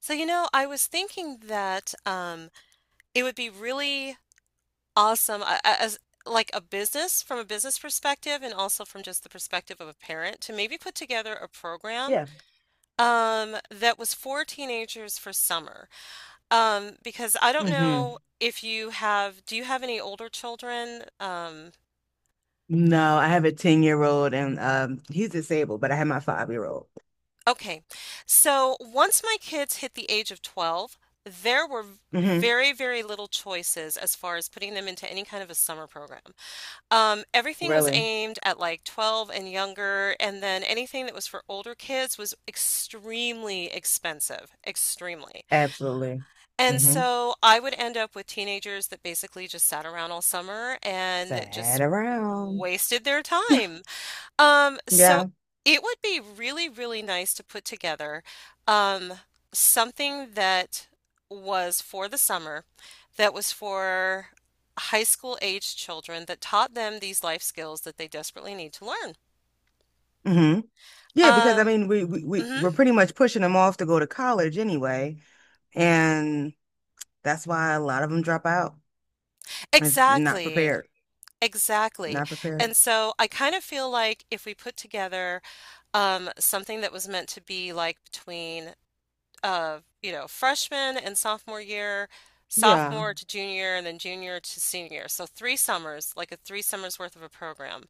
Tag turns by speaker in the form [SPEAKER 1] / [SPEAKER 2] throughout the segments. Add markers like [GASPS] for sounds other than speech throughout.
[SPEAKER 1] So, I was thinking that it would be really awesome as like a business, from a business perspective, and also from just the perspective of a parent, to maybe put together a program
[SPEAKER 2] Yeah.
[SPEAKER 1] that was for teenagers for summer. Because I don't know,
[SPEAKER 2] hmm
[SPEAKER 1] if you have, do you have any older children?
[SPEAKER 2] No, I have a 10-year-old and he's disabled, but I have my five-year-old.
[SPEAKER 1] Okay. So once my kids hit the age of 12, there were
[SPEAKER 2] hmm
[SPEAKER 1] very, very little choices as far as putting them into any kind of a summer program. Everything was
[SPEAKER 2] Really?
[SPEAKER 1] aimed at like 12 and younger, and then anything that was for older kids was extremely expensive, extremely.
[SPEAKER 2] Absolutely.
[SPEAKER 1] And
[SPEAKER 2] hmm
[SPEAKER 1] so I would end up with teenagers that basically just sat around all summer and
[SPEAKER 2] Sad
[SPEAKER 1] just
[SPEAKER 2] around.
[SPEAKER 1] wasted their time. So
[SPEAKER 2] Yeah.
[SPEAKER 1] it would be really, really nice to put together um, something that was for the summer, that was for high school aged children, that taught them these life skills that they desperately need to learn.
[SPEAKER 2] hmm Yeah, because I
[SPEAKER 1] Um,
[SPEAKER 2] mean we, we we
[SPEAKER 1] mhm.
[SPEAKER 2] we're pretty much pushing them off to go to college anyway. And that's why a lot of them drop out. It's not
[SPEAKER 1] Exactly,
[SPEAKER 2] prepared.
[SPEAKER 1] exactly.
[SPEAKER 2] Not prepared.
[SPEAKER 1] And so I kind of feel like if we put together something that was meant to be like between freshman and sophomore year,
[SPEAKER 2] Yeah,
[SPEAKER 1] sophomore to junior, and then junior to senior. So 3 summers, like a three summers worth of a program,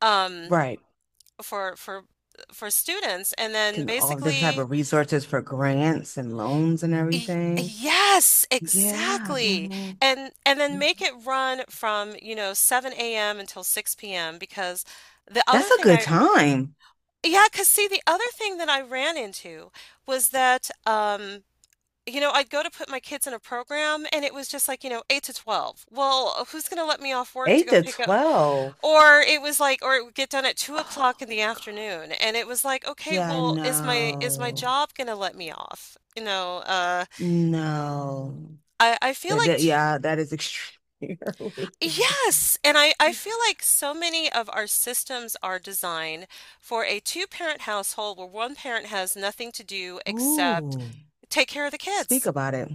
[SPEAKER 1] um,
[SPEAKER 2] right.
[SPEAKER 1] for for for students. And then
[SPEAKER 2] Can all different type
[SPEAKER 1] basically,
[SPEAKER 2] of resources for grants and loans and
[SPEAKER 1] y-
[SPEAKER 2] everything.
[SPEAKER 1] yes,
[SPEAKER 2] Yeah.
[SPEAKER 1] exactly. And then make it run from, 7 a.m. until 6 p.m., because the
[SPEAKER 2] That's
[SPEAKER 1] other
[SPEAKER 2] a
[SPEAKER 1] thing
[SPEAKER 2] good
[SPEAKER 1] I,
[SPEAKER 2] time.
[SPEAKER 1] yeah, because see, the other thing that I ran into was that I'd go to put my kids in a program and it was just like, 8 to 12. Well, who's going to let me off work to
[SPEAKER 2] Eight
[SPEAKER 1] go
[SPEAKER 2] to
[SPEAKER 1] pick up?
[SPEAKER 2] 12.
[SPEAKER 1] Or it would get done at two
[SPEAKER 2] Oh
[SPEAKER 1] o'clock in
[SPEAKER 2] my
[SPEAKER 1] the
[SPEAKER 2] God.
[SPEAKER 1] afternoon. And it was like, okay,
[SPEAKER 2] Yeah,
[SPEAKER 1] well, is my
[SPEAKER 2] no.
[SPEAKER 1] job going to let me off?
[SPEAKER 2] No.
[SPEAKER 1] I feel
[SPEAKER 2] That,
[SPEAKER 1] like
[SPEAKER 2] that
[SPEAKER 1] t
[SPEAKER 2] yeah, that is extremely [LAUGHS] early.
[SPEAKER 1] yes. And I feel like so many of our systems are designed for a two-parent household where one parent has nothing to do except
[SPEAKER 2] Ooh,
[SPEAKER 1] take care of the
[SPEAKER 2] speak
[SPEAKER 1] kids.
[SPEAKER 2] about it.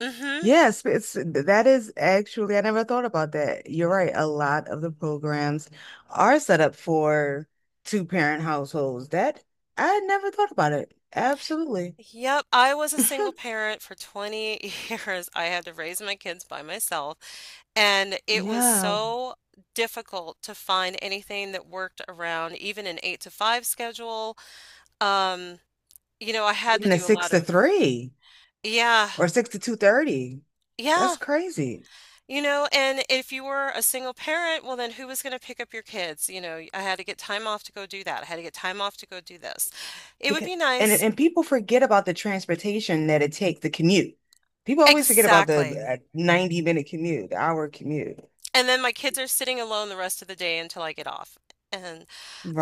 [SPEAKER 1] Hmm.
[SPEAKER 2] Yes, that is actually, I never thought about that. You're right. A lot of the programs are set up for two-parent households. That I never thought about it. Absolutely. [LAUGHS]
[SPEAKER 1] Yep, I was a single parent for 20 [LAUGHS] years. I had to raise my kids by myself, and it was
[SPEAKER 2] Yeah.
[SPEAKER 1] so difficult to find anything that worked around even an 8 to 5 schedule. Um, you know, I had to
[SPEAKER 2] Even a
[SPEAKER 1] do a
[SPEAKER 2] six
[SPEAKER 1] lot
[SPEAKER 2] to
[SPEAKER 1] of,
[SPEAKER 2] three,
[SPEAKER 1] yeah,
[SPEAKER 2] or 6 to 2:30. That's
[SPEAKER 1] yeah,
[SPEAKER 2] crazy,
[SPEAKER 1] and if you were a single parent, well, then who was going to pick up your kids? You know, I had to get time off to go do that. I had to get time off to go do this. It would
[SPEAKER 2] because
[SPEAKER 1] be
[SPEAKER 2] and
[SPEAKER 1] nice.
[SPEAKER 2] and people forget about the transportation that it takes, the commute. People always forget about
[SPEAKER 1] Exactly.
[SPEAKER 2] the 90 minute commute, the hour commute,
[SPEAKER 1] And then my kids are sitting alone the rest of the day until I get off. And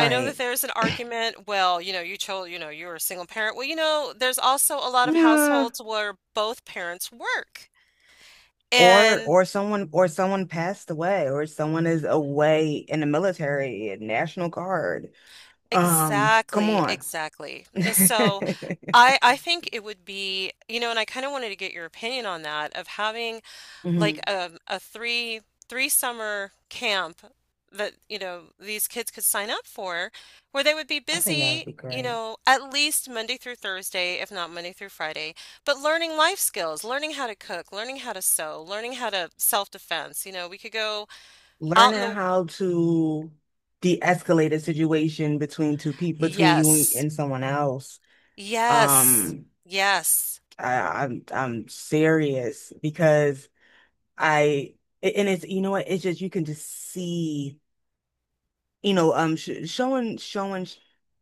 [SPEAKER 1] I know that there's an argument, well, you chose, you're a single parent. Well, there's also a lot of
[SPEAKER 2] Yeah.
[SPEAKER 1] households where both parents work.
[SPEAKER 2] Or
[SPEAKER 1] And
[SPEAKER 2] or someone, or someone passed away, or someone is away in the military, National Guard. Come
[SPEAKER 1] exactly,
[SPEAKER 2] on.
[SPEAKER 1] exactly. And so
[SPEAKER 2] [LAUGHS]
[SPEAKER 1] I think it would be, you know, and I kind of wanted to get your opinion on that, of having like
[SPEAKER 2] Mhm.
[SPEAKER 1] a three summer camp that these kids could sign up for, where they would be
[SPEAKER 2] I think that would
[SPEAKER 1] busy,
[SPEAKER 2] be great.
[SPEAKER 1] at least Monday through Thursday, if not Monday through Friday, but learning life skills, learning how to cook, learning how to sew, learning how to self-defense. We could go out in
[SPEAKER 2] Learning
[SPEAKER 1] the.
[SPEAKER 2] how to de-escalate a situation between two people, between you
[SPEAKER 1] Yes,
[SPEAKER 2] and someone else.
[SPEAKER 1] yes,
[SPEAKER 2] Um,
[SPEAKER 1] yes.
[SPEAKER 2] I, I'm serious, because I and it's you know what, it's just you can just see, you know, sh showing showing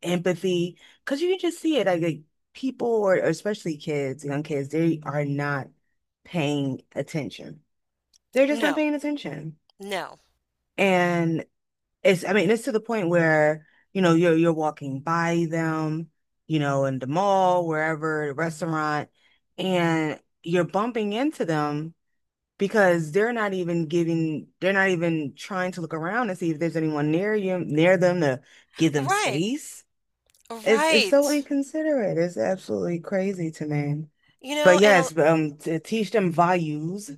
[SPEAKER 2] empathy, because you can just see it, like people, or especially kids young kids, they are not paying attention, they're just not
[SPEAKER 1] No,
[SPEAKER 2] paying attention.
[SPEAKER 1] no.
[SPEAKER 2] And it's, I mean, it's to the point where, you know, you're walking by them, you know, in the mall, wherever, the restaurant, and you're bumping into them because they're not even giving, they're not even trying to look around and see if there's anyone near you, near them, to give them
[SPEAKER 1] Right,
[SPEAKER 2] space. It's
[SPEAKER 1] right.
[SPEAKER 2] so inconsiderate. It's absolutely crazy to me.
[SPEAKER 1] you know
[SPEAKER 2] But
[SPEAKER 1] and a-
[SPEAKER 2] yes, to teach them values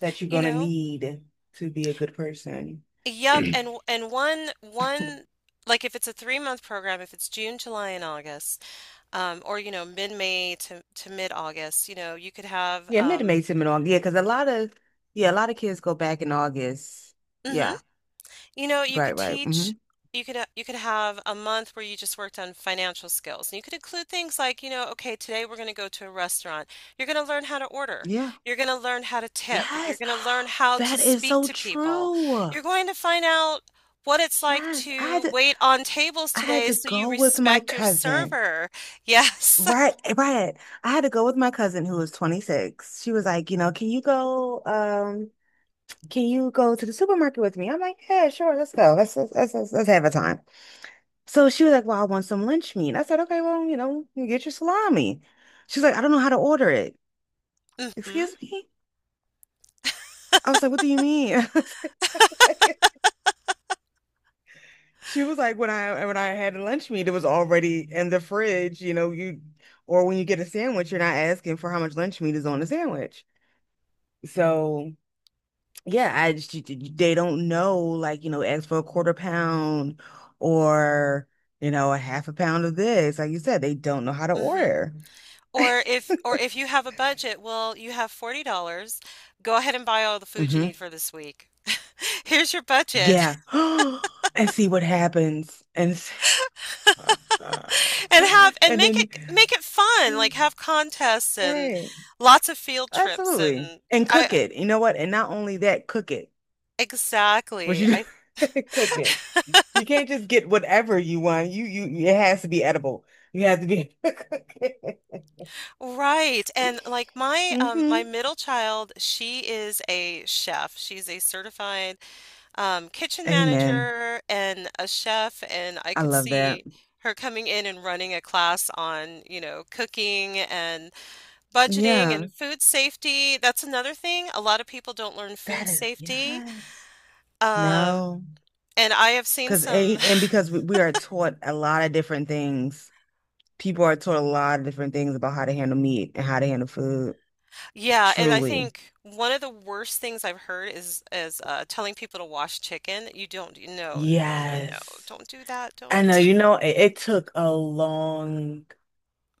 [SPEAKER 2] that you're
[SPEAKER 1] you
[SPEAKER 2] gonna
[SPEAKER 1] know
[SPEAKER 2] need to be a good person. [CLEARS THROAT]
[SPEAKER 1] Yep, and one, like, if it's a 3-month program, if it's June, July, and August, or mid May to mid August. You could have
[SPEAKER 2] Yeah, mid to May time in August. Yeah, because a lot of, yeah, a lot of kids go back in August.
[SPEAKER 1] mhm.
[SPEAKER 2] Yeah,
[SPEAKER 1] You
[SPEAKER 2] right,
[SPEAKER 1] could
[SPEAKER 2] right.
[SPEAKER 1] teach, you could have a month where you just worked on financial skills. And you could include things like, okay, today we're going to go to a restaurant. You're going to learn how to order.
[SPEAKER 2] Yeah.
[SPEAKER 1] You're going to learn how to tip. You're
[SPEAKER 2] Yes.
[SPEAKER 1] going to
[SPEAKER 2] [GASPS]
[SPEAKER 1] learn how to
[SPEAKER 2] That is
[SPEAKER 1] speak
[SPEAKER 2] so
[SPEAKER 1] to people.
[SPEAKER 2] true.
[SPEAKER 1] You're going to find out what it's like
[SPEAKER 2] Yes.
[SPEAKER 1] to wait on tables
[SPEAKER 2] I had
[SPEAKER 1] today,
[SPEAKER 2] to
[SPEAKER 1] so you
[SPEAKER 2] go with my
[SPEAKER 1] respect your
[SPEAKER 2] cousin.
[SPEAKER 1] server. Yes.
[SPEAKER 2] Right,
[SPEAKER 1] [LAUGHS]
[SPEAKER 2] right. I had to go with my cousin who was 26. She was like, you know, can you go to the supermarket with me? I'm like, yeah, sure, let's go. Let's have a time. So she was like, well, I want some lunch meat. I said, okay, well, you know, you get your salami. She's like, I don't know how to order it.
[SPEAKER 1] Mm-hmm.
[SPEAKER 2] Excuse me? I was like, what do you mean? [LAUGHS] I was like- [LAUGHS] She was like, when I had lunch meat, it was already in the fridge, you know, you, or when you get a sandwich, you're not asking for how much lunch meat is on the sandwich. So yeah, I just they don't know, like, you know, ask for a quarter pound or, you know, a half a pound of this. Like you said, they don't know how to
[SPEAKER 1] Mm-hmm.
[SPEAKER 2] order. [LAUGHS]
[SPEAKER 1] Or if you have a budget, well, you have $40. Go ahead and buy all the food you
[SPEAKER 2] hmm
[SPEAKER 1] need for this week. [LAUGHS] Here's your
[SPEAKER 2] Yeah.
[SPEAKER 1] budget. [LAUGHS]
[SPEAKER 2] [GASPS] And see what happens. [LAUGHS]
[SPEAKER 1] And have and
[SPEAKER 2] And
[SPEAKER 1] make
[SPEAKER 2] then
[SPEAKER 1] it make it fun. Like, have contests and
[SPEAKER 2] right.
[SPEAKER 1] lots of field trips.
[SPEAKER 2] Absolutely.
[SPEAKER 1] And
[SPEAKER 2] And cook
[SPEAKER 1] I
[SPEAKER 2] it. You know what? And not only that, cook it. What
[SPEAKER 1] exactly.
[SPEAKER 2] you
[SPEAKER 1] I
[SPEAKER 2] [LAUGHS] cook it. You can't just get whatever you want. You it has to be edible. You have to be [LAUGHS] cook it.
[SPEAKER 1] right. And like my um
[SPEAKER 2] hmm
[SPEAKER 1] my middle child, she is a chef. She's a certified kitchen
[SPEAKER 2] Amen.
[SPEAKER 1] manager and a chef, and I
[SPEAKER 2] I
[SPEAKER 1] could
[SPEAKER 2] love that.
[SPEAKER 1] see her coming in and running a class on, cooking and budgeting
[SPEAKER 2] Yeah.
[SPEAKER 1] and food safety. That's another thing. A lot of people don't learn
[SPEAKER 2] That
[SPEAKER 1] food
[SPEAKER 2] is
[SPEAKER 1] safety.
[SPEAKER 2] yes.
[SPEAKER 1] Um,
[SPEAKER 2] No.
[SPEAKER 1] and I have seen
[SPEAKER 2] Because
[SPEAKER 1] some,
[SPEAKER 2] and because we are taught a lot of different things, people are taught a lot of different things about how to handle meat and how to handle food.
[SPEAKER 1] [LAUGHS] [SIGHS] yeah, and I
[SPEAKER 2] Truly.
[SPEAKER 1] think one of the worst things I've heard is telling people to wash chicken. You don't. No, no, no, no,
[SPEAKER 2] Yes.
[SPEAKER 1] don't do that.
[SPEAKER 2] I know,
[SPEAKER 1] Don't.
[SPEAKER 2] you
[SPEAKER 1] [LAUGHS]
[SPEAKER 2] know, it took a long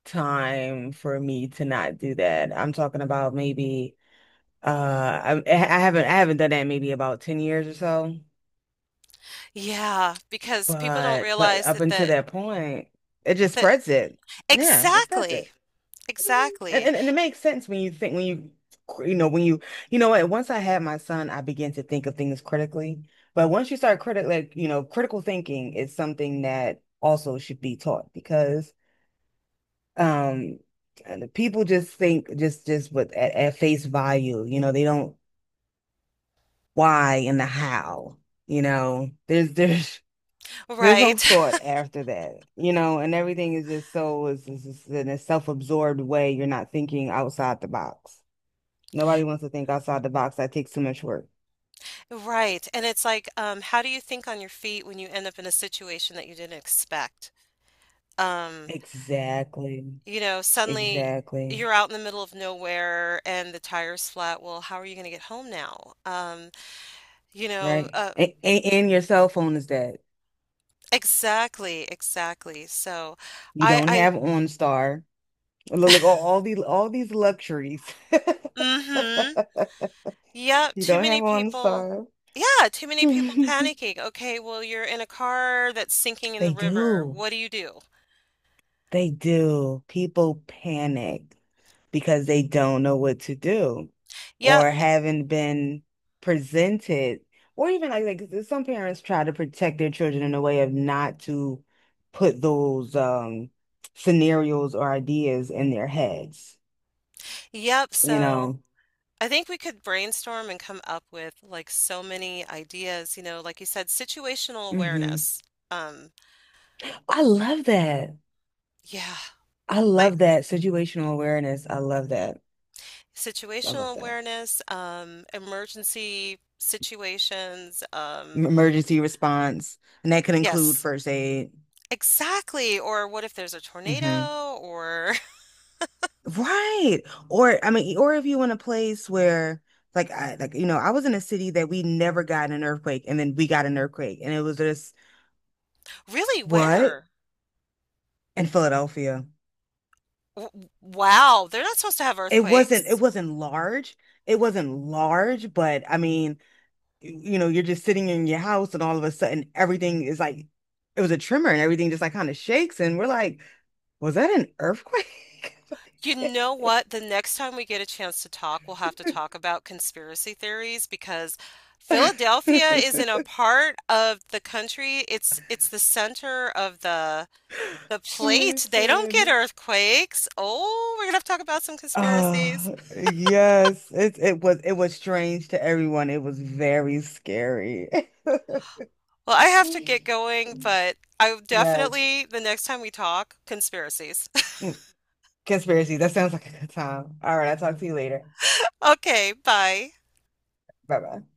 [SPEAKER 2] time for me to not do that. I'm talking about maybe I haven't done that in maybe about 10 years or so.
[SPEAKER 1] Yeah, because people don't
[SPEAKER 2] But
[SPEAKER 1] realize
[SPEAKER 2] up
[SPEAKER 1] that
[SPEAKER 2] until
[SPEAKER 1] that
[SPEAKER 2] that point, it just
[SPEAKER 1] that
[SPEAKER 2] spreads it. Yeah, it spreads
[SPEAKER 1] Exactly.
[SPEAKER 2] it. And,
[SPEAKER 1] Exactly.
[SPEAKER 2] and and it makes sense when you you know when you know what, once I had my son I began to think of things critically. But once you start critic like you know, critical thinking is something that also should be taught, because um and the people just think, just with at face value, you know, they don't, why and the how. You know, there's [LAUGHS] there's no
[SPEAKER 1] Right.
[SPEAKER 2] thought
[SPEAKER 1] [LAUGHS]
[SPEAKER 2] after that, you know, and everything is just so is in a self-absorbed way, you're not thinking outside the box. Nobody wants to think outside the box. That takes too much work.
[SPEAKER 1] Right. And it's like, how do you think on your feet when you end up in a situation that you didn't expect? Um,
[SPEAKER 2] Exactly.
[SPEAKER 1] Suddenly
[SPEAKER 2] Exactly.
[SPEAKER 1] you're out in the middle of nowhere and the tire's flat. Well, how are you going to get home now? You know,
[SPEAKER 2] Right.
[SPEAKER 1] uh,
[SPEAKER 2] And your cell phone is dead.
[SPEAKER 1] exactly, exactly. So
[SPEAKER 2] You
[SPEAKER 1] I,
[SPEAKER 2] don't
[SPEAKER 1] I,
[SPEAKER 2] have OnStar. Look, all these luxuries. [LAUGHS]
[SPEAKER 1] [LAUGHS] Mm-hmm. Yep,
[SPEAKER 2] You
[SPEAKER 1] too
[SPEAKER 2] don't have
[SPEAKER 1] many people.
[SPEAKER 2] OnStar.
[SPEAKER 1] Yeah, too many people
[SPEAKER 2] [LAUGHS]
[SPEAKER 1] panicking. Okay, well, you're in a car that's sinking in the
[SPEAKER 2] They
[SPEAKER 1] river.
[SPEAKER 2] do.
[SPEAKER 1] What do you do?
[SPEAKER 2] They do. People panic, because they don't know what to do,
[SPEAKER 1] Yep,
[SPEAKER 2] or haven't been presented, or even like some parents try to protect their children in a way of not to put those scenarios or ideas in their heads,
[SPEAKER 1] yep.
[SPEAKER 2] you
[SPEAKER 1] So
[SPEAKER 2] know.
[SPEAKER 1] I think we could brainstorm and come up with, like, so many ideas. Like you said, situational
[SPEAKER 2] hmm
[SPEAKER 1] awareness. Um,
[SPEAKER 2] I love that.
[SPEAKER 1] yeah,
[SPEAKER 2] I
[SPEAKER 1] like
[SPEAKER 2] love that, situational awareness. I love that. I love
[SPEAKER 1] situational
[SPEAKER 2] that.
[SPEAKER 1] awareness, emergency situations.
[SPEAKER 2] Emergency response, and that could include
[SPEAKER 1] Yes,
[SPEAKER 2] first aid.
[SPEAKER 1] exactly. Or what if there's a
[SPEAKER 2] hmm
[SPEAKER 1] tornado? Or.
[SPEAKER 2] Right. Or I mean, or if you in a place where, like I like you know, I was in a city that we never got an earthquake, and then we got an earthquake, and it was just,
[SPEAKER 1] [LAUGHS] Really,
[SPEAKER 2] what?
[SPEAKER 1] where?
[SPEAKER 2] In Philadelphia.
[SPEAKER 1] Wow, they're not supposed to have
[SPEAKER 2] It
[SPEAKER 1] earthquakes.
[SPEAKER 2] wasn't large. It wasn't large, but I mean, you know, you're just sitting in your house and all of a sudden everything is like, it was a tremor and everything just like kind of shakes, and we're like, was that an earthquake? [LAUGHS]
[SPEAKER 1] You know what? The next time we get a chance to talk, we'll have to talk about conspiracy theories, because Philadelphia is in a
[SPEAKER 2] [LAUGHS]
[SPEAKER 1] part of the country. It's the center of the plate. They don't get
[SPEAKER 2] Listen.
[SPEAKER 1] earthquakes. Oh, we're gonna have to talk about some conspiracies.
[SPEAKER 2] Yes, it was, it was strange to everyone. It was very scary. [LAUGHS]
[SPEAKER 1] Well, I have to get going, but I
[SPEAKER 2] Yes.
[SPEAKER 1] definitely, the next time we talk, conspiracies. [LAUGHS]
[SPEAKER 2] Mm, conspiracy. That sounds like a good time. All right, I'll talk to you later.
[SPEAKER 1] Okay, bye.
[SPEAKER 2] Bye bye.